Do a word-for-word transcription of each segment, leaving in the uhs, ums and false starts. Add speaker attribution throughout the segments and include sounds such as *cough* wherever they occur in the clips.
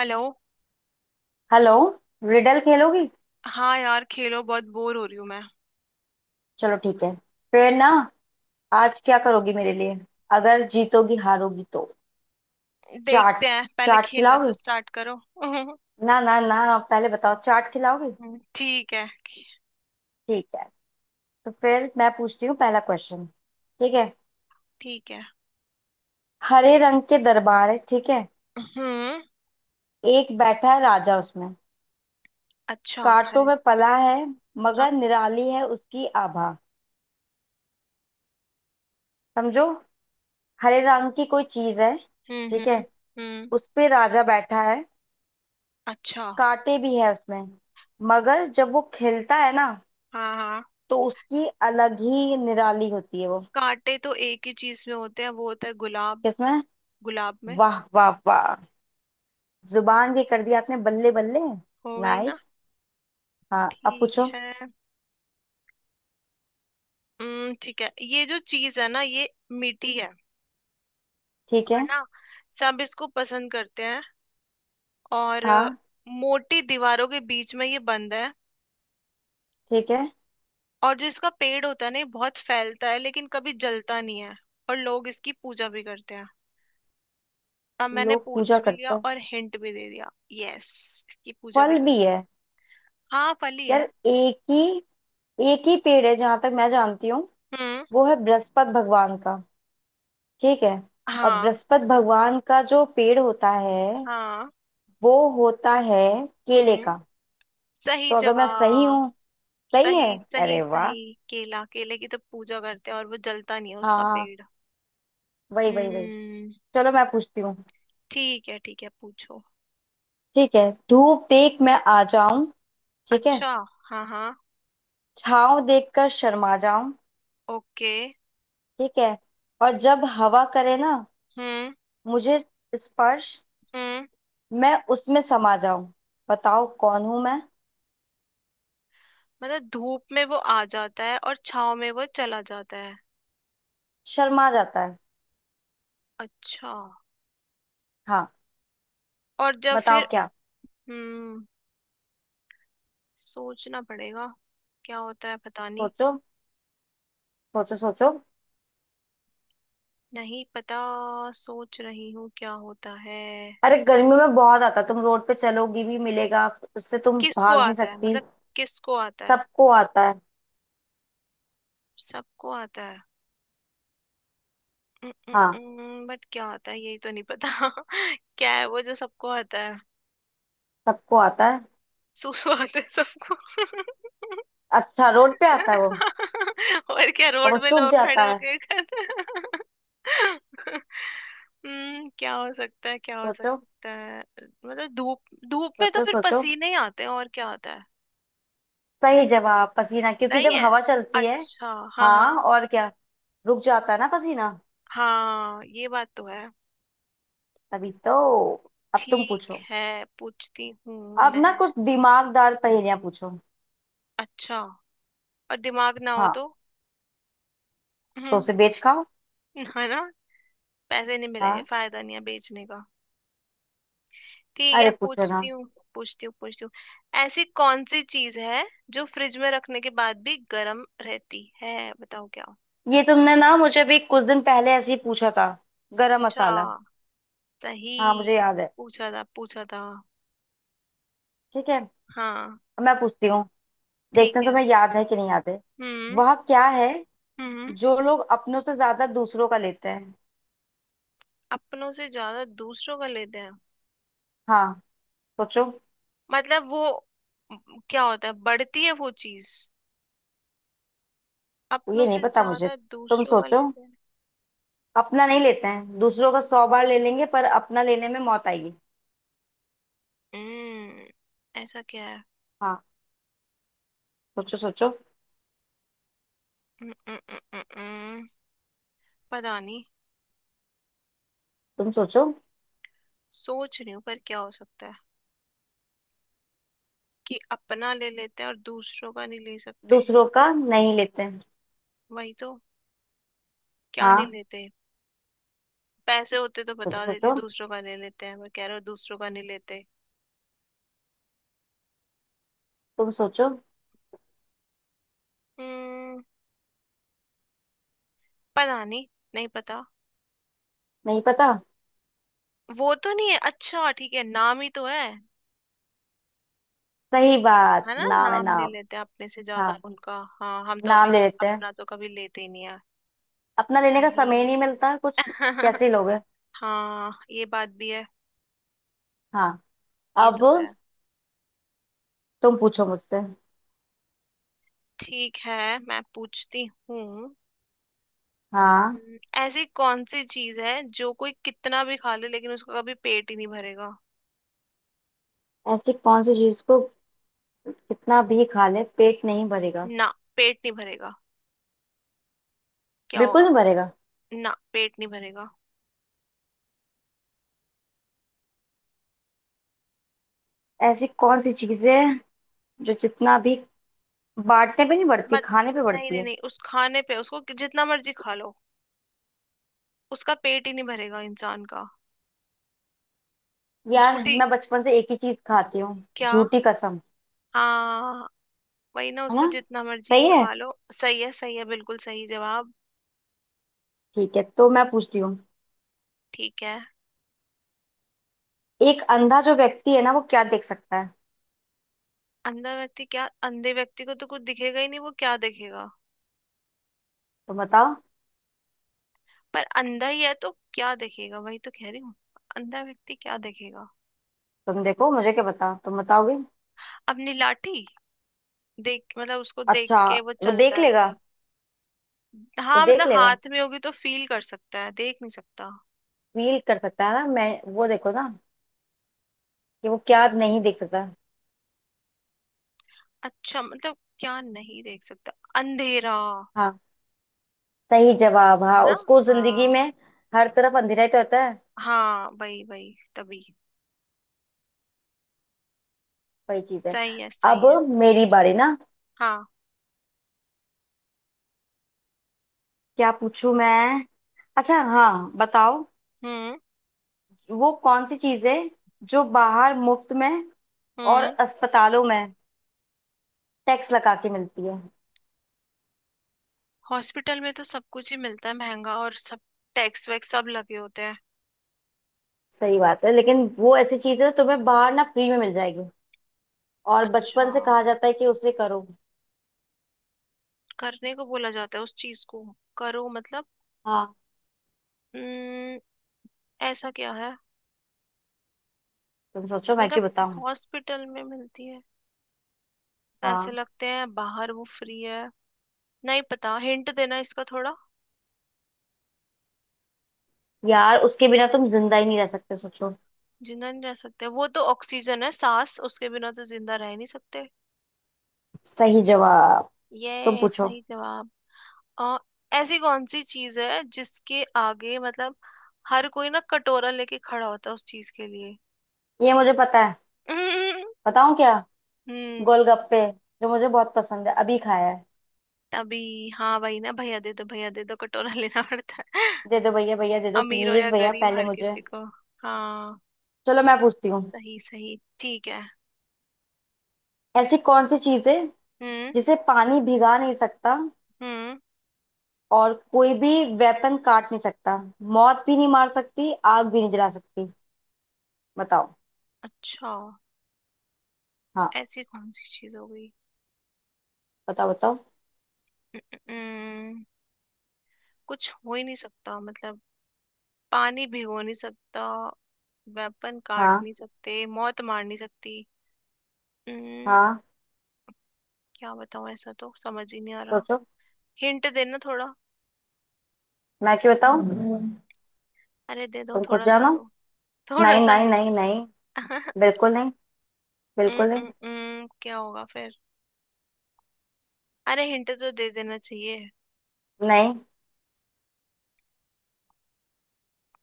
Speaker 1: Hello.
Speaker 2: Hello. Riddle खेलोगी।
Speaker 1: हाँ यार, खेलो, बहुत बोर हो रही हूँ मैं।
Speaker 2: चलो ठीक है। फिर ना, आज क्या करोगी मेरे लिए, अगर जीतोगी हारोगी तो।
Speaker 1: देखते
Speaker 2: चाट।
Speaker 1: हैं, पहले
Speaker 2: चाट
Speaker 1: खेलना तो
Speaker 2: खिलाओगे।
Speaker 1: स्टार्ट करो। *laughs* हम्म।
Speaker 2: ना ना ना, पहले बताओ चाट खिलाओगी।
Speaker 1: ठीक है।
Speaker 2: ठीक है। तो फिर मैं पूछती हूँ पहला क्वेश्चन, ठीक है।
Speaker 1: ठीक है।
Speaker 2: हरे रंग के दरबार है, ठीक है।
Speaker 1: हम्म।
Speaker 2: एक बैठा है राजा उसमें।
Speaker 1: अच्छा।
Speaker 2: कांटों
Speaker 1: अरे।
Speaker 2: में पला है,
Speaker 1: हाँ।
Speaker 2: मगर निराली है उसकी आभा। समझो, हरे रंग की कोई चीज है,
Speaker 1: हम्म।
Speaker 2: ठीक है।
Speaker 1: हम्म। हम्म।
Speaker 2: उस पे राजा बैठा है।
Speaker 1: अच्छा।
Speaker 2: कांटे भी है उसमें, मगर जब वो खिलता है ना,
Speaker 1: हाँ हाँ,
Speaker 2: तो उसकी अलग ही निराली होती है वो।
Speaker 1: कांटे तो एक ही चीज में होते हैं, वो होता है गुलाब।
Speaker 2: किसमें?
Speaker 1: गुलाब में।
Speaker 2: वाह वाह वाह। जुबान भी कर दिया आपने, बल्ले बल्ले।
Speaker 1: हो गई ना।
Speaker 2: नाइस। हाँ, अब
Speaker 1: ठीक
Speaker 2: पूछो।
Speaker 1: है। हम्म। ठीक है, ये जो चीज है ना ये मीठी है,
Speaker 2: ठीक
Speaker 1: और
Speaker 2: है।
Speaker 1: ना सब इसको पसंद करते हैं, और अ,
Speaker 2: हाँ।
Speaker 1: मोटी दीवारों के बीच में ये बंद है,
Speaker 2: ठीक है।
Speaker 1: और जिसका पेड़ होता है ना ये बहुत फैलता है लेकिन कभी जलता नहीं है, और लोग इसकी पूजा भी करते हैं। अब मैंने
Speaker 2: लोग पूजा
Speaker 1: पूछ भी लिया
Speaker 2: करते हैं।
Speaker 1: और हिंट भी दे दिया। यस। इसकी पूजा भी
Speaker 2: फल भी
Speaker 1: करते
Speaker 2: है।
Speaker 1: हैं। हाँ, फली
Speaker 2: यार,
Speaker 1: है।
Speaker 2: एक ही, एक ही पेड़ है जहां तक मैं जानती हूँ।
Speaker 1: हम्म।
Speaker 2: वो है बृहस्पति भगवान का, ठीक है। और
Speaker 1: हाँ
Speaker 2: बृहस्पति भगवान का जो पेड़ होता है,
Speaker 1: हाँ।
Speaker 2: वो होता है केले
Speaker 1: हम्म।
Speaker 2: का।
Speaker 1: सही
Speaker 2: तो अगर मैं सही
Speaker 1: जवाब।
Speaker 2: हूँ, सही है।
Speaker 1: सही सही
Speaker 2: अरे वाह।
Speaker 1: सही, केला, केले की तो पूजा करते हैं और वो जलता नहीं है उसका
Speaker 2: हाँ,
Speaker 1: पेड़।
Speaker 2: वही वही वही।
Speaker 1: हम्म।
Speaker 2: चलो मैं पूछती हूँ।
Speaker 1: ठीक है। ठीक है, पूछो।
Speaker 2: ठीक है, धूप देख मैं आ जाऊं, ठीक है।
Speaker 1: अच्छा। हाँ हाँ।
Speaker 2: छाँव देखकर शर्मा जाऊं,
Speaker 1: ओके।
Speaker 2: ठीक है। और जब हवा करे ना
Speaker 1: हम्म।
Speaker 2: मुझे स्पर्श,
Speaker 1: हम्म।
Speaker 2: मैं उसमें समा जाऊं। बताओ कौन हूं मैं।
Speaker 1: मतलब धूप में वो आ जाता है और छाव में वो चला जाता है।
Speaker 2: शर्मा जाता है।
Speaker 1: अच्छा।
Speaker 2: हाँ।
Speaker 1: और जब
Speaker 2: बताओ
Speaker 1: फिर।
Speaker 2: क्या।
Speaker 1: हम्म। सोचना पड़ेगा, क्या होता है पता नहीं।
Speaker 2: सोचो, सोचो सोचो।
Speaker 1: नहीं पता। सोच रही हूँ, क्या होता है।
Speaker 2: अरे गर्मियों में बहुत आता है, तुम रोड पे चलोगी भी मिलेगा। उससे तुम
Speaker 1: किसको
Speaker 2: भाग नहीं
Speaker 1: आता है
Speaker 2: सकती।
Speaker 1: मतलब? किसको आता है?
Speaker 2: सबको आता है।
Speaker 1: सबको आता है?
Speaker 2: हाँ।
Speaker 1: बट क्या आता है यही तो नहीं पता। *laughs* क्या है वो जो सबको आता है?
Speaker 2: सबको आता है।
Speaker 1: सूसू आता है सबको। *laughs*
Speaker 2: अच्छा रोड पे आता है वो।
Speaker 1: *laughs* और क्या,
Speaker 2: और
Speaker 1: रोड
Speaker 2: वो
Speaker 1: पे
Speaker 2: सूख
Speaker 1: लोग
Speaker 2: जाता
Speaker 1: खड़े
Speaker 2: है।
Speaker 1: होके कर-। *laughs* हम्म क्या हो सकता है, क्या हो
Speaker 2: सोचो,
Speaker 1: सकता है? मतलब धूप, धूप में तो
Speaker 2: सोचो
Speaker 1: फिर
Speaker 2: सोचो।
Speaker 1: पसीने ही आते हैं, और क्या होता है?
Speaker 2: सही जवाब पसीना, क्योंकि
Speaker 1: सही
Speaker 2: जब
Speaker 1: है।
Speaker 2: हवा चलती है।
Speaker 1: अच्छा। हाँ हाँ।
Speaker 2: हाँ और क्या, रुक जाता है ना पसीना।
Speaker 1: हाँ ये बात तो है।
Speaker 2: तभी तो। अब तुम
Speaker 1: ठीक
Speaker 2: पूछो।
Speaker 1: है, पूछती हूँ
Speaker 2: अब ना
Speaker 1: मैं।
Speaker 2: कुछ दिमागदार पहेलियां पूछो।
Speaker 1: अच्छा। और दिमाग ना हो
Speaker 2: हाँ,
Speaker 1: तो? *laughs*
Speaker 2: तो
Speaker 1: हम्म,
Speaker 2: उसे बेच खाओ।
Speaker 1: है ना? पैसे नहीं मिलेंगे,
Speaker 2: हाँ।
Speaker 1: फायदा नहीं है बेचने का। ठीक है,
Speaker 2: अरे पूछो
Speaker 1: पूछती
Speaker 2: ना।
Speaker 1: हूँ पूछती हूँ पूछती हूँ। ऐसी कौन सी चीज है जो फ्रिज में रखने के बाद भी गर्म रहती है, बताओ क्या?
Speaker 2: ये तुमने ना मुझे भी कुछ दिन पहले ऐसे ही पूछा था। गरम मसाला।
Speaker 1: अच्छा।
Speaker 2: हाँ मुझे
Speaker 1: सही।
Speaker 2: याद है।
Speaker 1: पूछा था पूछा था।
Speaker 2: ठीक है।
Speaker 1: हाँ।
Speaker 2: अब मैं पूछती हूँ, देखते
Speaker 1: ठीक
Speaker 2: हैं
Speaker 1: है।
Speaker 2: तुम्हें याद है कि नहीं याद है।
Speaker 1: हम्म।
Speaker 2: वह क्या है
Speaker 1: हम्म।
Speaker 2: जो लोग अपनों से ज्यादा दूसरों का लेते हैं।
Speaker 1: अपनों से ज्यादा दूसरों का लेते हैं?
Speaker 2: हाँ। सोचो।
Speaker 1: मतलब वो म, क्या होता है, बढ़ती है वो चीज?
Speaker 2: वो
Speaker 1: अपनों
Speaker 2: ये नहीं
Speaker 1: से
Speaker 2: पता मुझे।
Speaker 1: ज्यादा
Speaker 2: तुम
Speaker 1: दूसरों का
Speaker 2: सोचो।
Speaker 1: लेते हैं।
Speaker 2: अपना नहीं लेते हैं, दूसरों का सौ बार ले लेंगे, पर अपना लेने में मौत आएगी।
Speaker 1: हम्म ऐसा क्या है?
Speaker 2: हाँ। सोचो सोचो।
Speaker 1: हम्म, हम्म, हम्म, हम्म, हम्म, पता नहीं।
Speaker 2: तुम सोचो।
Speaker 1: सोच रही हूँ पर क्या हो सकता है, कि अपना ले लेते हैं और दूसरों का नहीं ले सकते?
Speaker 2: दूसरों का नहीं लेते हैं।
Speaker 1: वही तो। क्या नहीं
Speaker 2: हाँ।
Speaker 1: लेते? पैसे होते तो
Speaker 2: सोचो
Speaker 1: बता देती,
Speaker 2: सोचो।
Speaker 1: दूसरों का ले लेते हैं, मैं कह रहा हूँ दूसरों का नहीं लेते।
Speaker 2: तुम सोचो।
Speaker 1: हम्म। पता नहीं। नहीं पता।
Speaker 2: नहीं पता।
Speaker 1: वो तो नहीं है, अच्छा ठीक है, नाम ही तो है।
Speaker 2: सही बात,
Speaker 1: है ना,
Speaker 2: नाम है
Speaker 1: नाम ले
Speaker 2: नाम।
Speaker 1: लेते हैं अपने से
Speaker 2: हाँ,
Speaker 1: ज्यादा उनका, हाँ, हम तो
Speaker 2: नाम
Speaker 1: अभी
Speaker 2: ले लेते हैं।
Speaker 1: अपना तो कभी लेते ही नहीं है।
Speaker 2: अपना लेने का समय ही
Speaker 1: सही।
Speaker 2: नहीं मिलता है कुछ।
Speaker 1: *laughs*
Speaker 2: कैसे लोग हैं।
Speaker 1: हाँ ये बात भी है।
Speaker 2: हाँ।
Speaker 1: ये
Speaker 2: अब
Speaker 1: तो है।
Speaker 2: तुम पूछो मुझसे।
Speaker 1: ठीक है, मैं पूछती हूँ।
Speaker 2: हाँ।
Speaker 1: हम्म, ऐसी कौन सी चीज है जो कोई कितना भी खा ले लेकिन उसका कभी पेट ही नहीं भरेगा?
Speaker 2: ऐसी कौन सी चीज को कितना भी खा ले पेट नहीं भरेगा।
Speaker 1: ना, पेट नहीं भरेगा। क्या
Speaker 2: बिल्कुल
Speaker 1: होगा?
Speaker 2: नहीं भरेगा।
Speaker 1: ना पेट नहीं भरेगा।
Speaker 2: ऐसी कौन सी चीज है जो जितना भी बांटने पे नहीं बढ़ती,
Speaker 1: मत।
Speaker 2: खाने पे
Speaker 1: नहीं
Speaker 2: बढ़ती
Speaker 1: नहीं
Speaker 2: है।
Speaker 1: नहीं, उस खाने पे उसको कि- जितना मर्जी खा लो उसका पेट ही नहीं भरेगा इंसान का।
Speaker 2: यार
Speaker 1: झूठी।
Speaker 2: मैं बचपन से एक ही चीज खाती हूँ।
Speaker 1: क्या?
Speaker 2: झूठी कसम।
Speaker 1: हाँ। वही ना,
Speaker 2: है
Speaker 1: उसको
Speaker 2: ना।
Speaker 1: जितना मर्जी
Speaker 2: सही है।
Speaker 1: खा लो, सही है सही है, बिल्कुल सही जवाब।
Speaker 2: ठीक है, तो मैं पूछती हूँ।
Speaker 1: ठीक है।
Speaker 2: एक अंधा जो व्यक्ति है ना, वो क्या देख सकता है।
Speaker 1: अंधा व्यक्ति क्या, अंधे व्यक्ति को तो कुछ दिखेगा ही नहीं, वो क्या देखेगा?
Speaker 2: तुम बताओ।
Speaker 1: पर अंधा ही है तो क्या देखेगा, वही तो कह रही हूँ। अंधा व्यक्ति क्या देखेगा?
Speaker 2: तुम देखो, मुझे क्या बताओ, तुम बताओगे।
Speaker 1: अपनी लाठी, देख मतलब उसको देख
Speaker 2: अच्छा,
Speaker 1: के वो
Speaker 2: वो देख
Speaker 1: चलता है
Speaker 2: लेगा।
Speaker 1: तो।
Speaker 2: वो
Speaker 1: हाँ
Speaker 2: देख
Speaker 1: मतलब
Speaker 2: लेगा।
Speaker 1: हाथ में होगी तो फील कर सकता है, देख नहीं सकता।
Speaker 2: फील कर सकता है ना, मैं वो देखो ना, कि वो क्या नहीं देख सकता।
Speaker 1: अच्छा, मतलब क्या नहीं देख सकता? अंधेरा।
Speaker 2: हाँ, सही जवाब।
Speaker 1: है
Speaker 2: हाँ,
Speaker 1: ना।
Speaker 2: उसको जिंदगी
Speaker 1: हाँ
Speaker 2: में हर तरफ अंधेरा ही तो होता है।
Speaker 1: हाँ वही वही तभी।
Speaker 2: वही चीज है।
Speaker 1: सही है
Speaker 2: अब
Speaker 1: सही है।
Speaker 2: मेरी बारी ना।
Speaker 1: हाँ।
Speaker 2: क्या पूछूं मैं। अच्छा हाँ बताओ।
Speaker 1: हम्म।
Speaker 2: वो कौन सी चीज है जो बाहर मुफ्त में, और
Speaker 1: हम्म।
Speaker 2: अस्पतालों में टैक्स लगा के मिलती है।
Speaker 1: हॉस्पिटल में तो सब कुछ ही मिलता है, महंगा और सब, टैक्स वैक्स सब लगे होते हैं।
Speaker 2: सही बात है, लेकिन वो ऐसी चीज है जो तुम्हें बाहर ना फ्री में मिल जाएगी। और
Speaker 1: अच्छा।
Speaker 2: बचपन से कहा जाता है कि उसे करो।
Speaker 1: करने को बोला जाता है उस चीज को, करो मतलब।
Speaker 2: हाँ।
Speaker 1: हम्म। ऐसा क्या है?
Speaker 2: तुम सोचो, मैं
Speaker 1: मतलब
Speaker 2: क्यों बताऊं।
Speaker 1: हॉस्पिटल में मिलती है, पैसे
Speaker 2: हाँ।
Speaker 1: लगते हैं, बाहर वो फ्री है। नहीं पता, हिंट देना इसका थोड़ा।
Speaker 2: यार उसके बिना तुम जिंदा ही नहीं रह सकते, सोचो।
Speaker 1: जिंदा नहीं रह सकते, वो तो ऑक्सीजन है, सांस, उसके बिना तो जिंदा रह नहीं सकते।
Speaker 2: सही जवाब। तुम
Speaker 1: ये
Speaker 2: पूछो।
Speaker 1: सही जवाब। आ, ऐसी कौन सी चीज है जिसके आगे मतलब हर कोई ना कटोरा लेके खड़ा होता है उस चीज के लिए?
Speaker 2: ये मुझे पता है।
Speaker 1: *laughs*
Speaker 2: बताऊं क्या।
Speaker 1: हम्म।
Speaker 2: गोलगप्पे, जो मुझे बहुत पसंद है, अभी खाया है।
Speaker 1: तभी, हाँ भाई, ना भैया दे दो, भैया दे दो, कटोरा *laughs* लेना पड़ता है। *laughs*
Speaker 2: दे दो भैया, भैया दे दो,
Speaker 1: अमीर हो या
Speaker 2: प्लीज भैया
Speaker 1: गरीब,
Speaker 2: पहले
Speaker 1: हर
Speaker 2: मुझे।
Speaker 1: किसी को। हाँ।
Speaker 2: चलो मैं पूछती हूँ।
Speaker 1: सही सही ठीक है।
Speaker 2: ऐसी कौन सी चीज है
Speaker 1: हम्म।
Speaker 2: जिसे पानी भिगा नहीं सकता,
Speaker 1: हम्म।
Speaker 2: और कोई भी वेपन काट नहीं सकता, मौत भी नहीं मार सकती, आग भी नहीं जला सकती। बताओ।
Speaker 1: अच्छा।
Speaker 2: हाँ।
Speaker 1: ऐसी कौन सी चीज हो गई?
Speaker 2: बताओ बताओ।
Speaker 1: हम्म, कुछ हो ही नहीं सकता मतलब। पानी भिगो नहीं सकता, वेपन काट
Speaker 2: हाँ।
Speaker 1: नहीं सकते, मौत मार नहीं सकती। हम्म,
Speaker 2: हाँ।
Speaker 1: क्या बताऊं, ऐसा तो समझ ही नहीं आ रहा।
Speaker 2: सोचो,
Speaker 1: हिंट देना थोड़ा।
Speaker 2: मैं क्यों बताऊँ। हम्म।
Speaker 1: अरे दे दो,
Speaker 2: तुम खुद
Speaker 1: थोड़ा सा
Speaker 2: जानो।
Speaker 1: दो। *laughs* थोड़ा
Speaker 2: नहीं
Speaker 1: सा
Speaker 2: नहीं
Speaker 1: हिंट।
Speaker 2: नहीं नहीं,
Speaker 1: *laughs*
Speaker 2: बिल्कुल नहीं, बिल्कुल नहीं।
Speaker 1: क्या होगा फिर? अरे हिंट तो दे देना चाहिए,
Speaker 2: नहीं,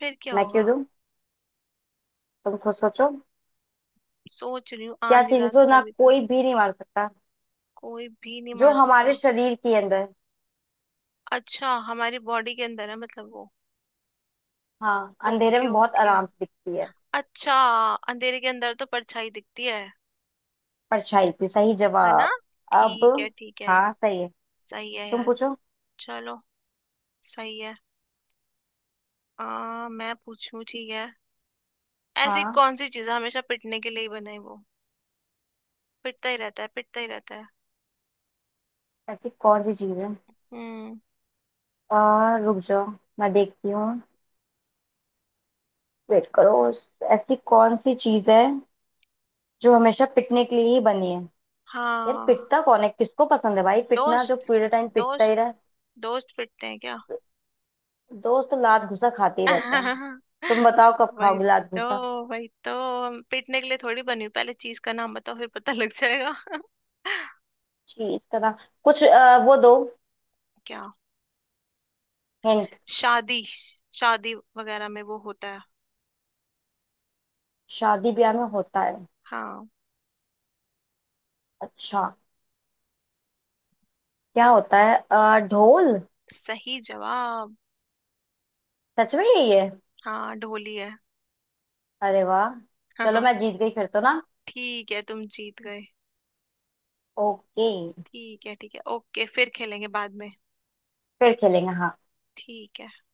Speaker 1: फिर क्या
Speaker 2: मैं क्यों
Speaker 1: होगा?
Speaker 2: दूं, तुम खुद सोचो।
Speaker 1: सोच रही हूँ, आ
Speaker 2: क्या
Speaker 1: नहीं
Speaker 2: चीज
Speaker 1: रहा
Speaker 2: जिसको ना
Speaker 1: तभी तक।
Speaker 2: कोई भी नहीं मार सकता।
Speaker 1: कोई भी नहीं
Speaker 2: जो
Speaker 1: मार
Speaker 2: हमारे
Speaker 1: सकता?
Speaker 2: शरीर के अंदर।
Speaker 1: अच्छा, हमारी बॉडी के अंदर है मतलब वो?
Speaker 2: हाँ, अंधेरे
Speaker 1: ओके
Speaker 2: में बहुत
Speaker 1: ओके।
Speaker 2: आराम से दिखती है।
Speaker 1: अच्छा, अंधेरे के अंदर तो परछाई दिखती है।
Speaker 2: परछाई थी, सही
Speaker 1: है ना।
Speaker 2: जवाब। अब,
Speaker 1: ठीक है ठीक है।
Speaker 2: हाँ सही है।
Speaker 1: सही है
Speaker 2: तुम
Speaker 1: यार।
Speaker 2: पूछो।
Speaker 1: चलो। सही है। आ, मैं पूछूं, ठीक है? ऐसी
Speaker 2: हाँ।
Speaker 1: कौन सी चीज हमेशा पिटने के लिए ही बनाई, वो पिटता ही रहता है, पिटता ही रहता है?
Speaker 2: ऐसी कौन सी चीज है।
Speaker 1: हम्म।
Speaker 2: आ, रुक जाओ, मैं देखती हूँ, वेट करो। ऐसी कौन सी चीज है जो हमेशा पिटने के लिए ही बनी है। यार
Speaker 1: हाँ।
Speaker 2: पिटता कौन है, किसको पसंद है भाई पिटना, जो
Speaker 1: दोस्त।
Speaker 2: पूरे टाइम पिटता ही
Speaker 1: दोस्त।
Speaker 2: रहे।
Speaker 1: दोस्त पिटते हैं क्या?
Speaker 2: दोस्त लात घुसा खाते ही रहते हैं।
Speaker 1: *laughs*
Speaker 2: तुम बताओ कब
Speaker 1: वही
Speaker 2: खाओगे लात
Speaker 1: तो,
Speaker 2: घुसा।
Speaker 1: वही तो, हम पिटने के लिए थोड़ी बनी हूं। पहले चीज का नाम बताओ फिर पता लग जाएगा। *laughs*
Speaker 2: चीज का नाम। कुछ आ, वो दो
Speaker 1: क्या?
Speaker 2: हिंट।
Speaker 1: शादी, शादी वगैरह में वो होता है।
Speaker 2: शादी ब्याह में होता है।
Speaker 1: हाँ।
Speaker 2: अच्छा। क्या होता है, आ, ढोल।
Speaker 1: सही जवाब।
Speaker 2: सच में यही है।
Speaker 1: हाँ, ढोली है।
Speaker 2: अरे वाह।
Speaker 1: हाँ
Speaker 2: चलो
Speaker 1: हाँ।
Speaker 2: मैं जीत गई फिर तो ना।
Speaker 1: ठीक है तुम जीत गए।
Speaker 2: ओके,
Speaker 1: ठीक है ठीक है, ओके, फिर खेलेंगे बाद में।
Speaker 2: फिर खेलेंगे हाँ।
Speaker 1: ठीक है।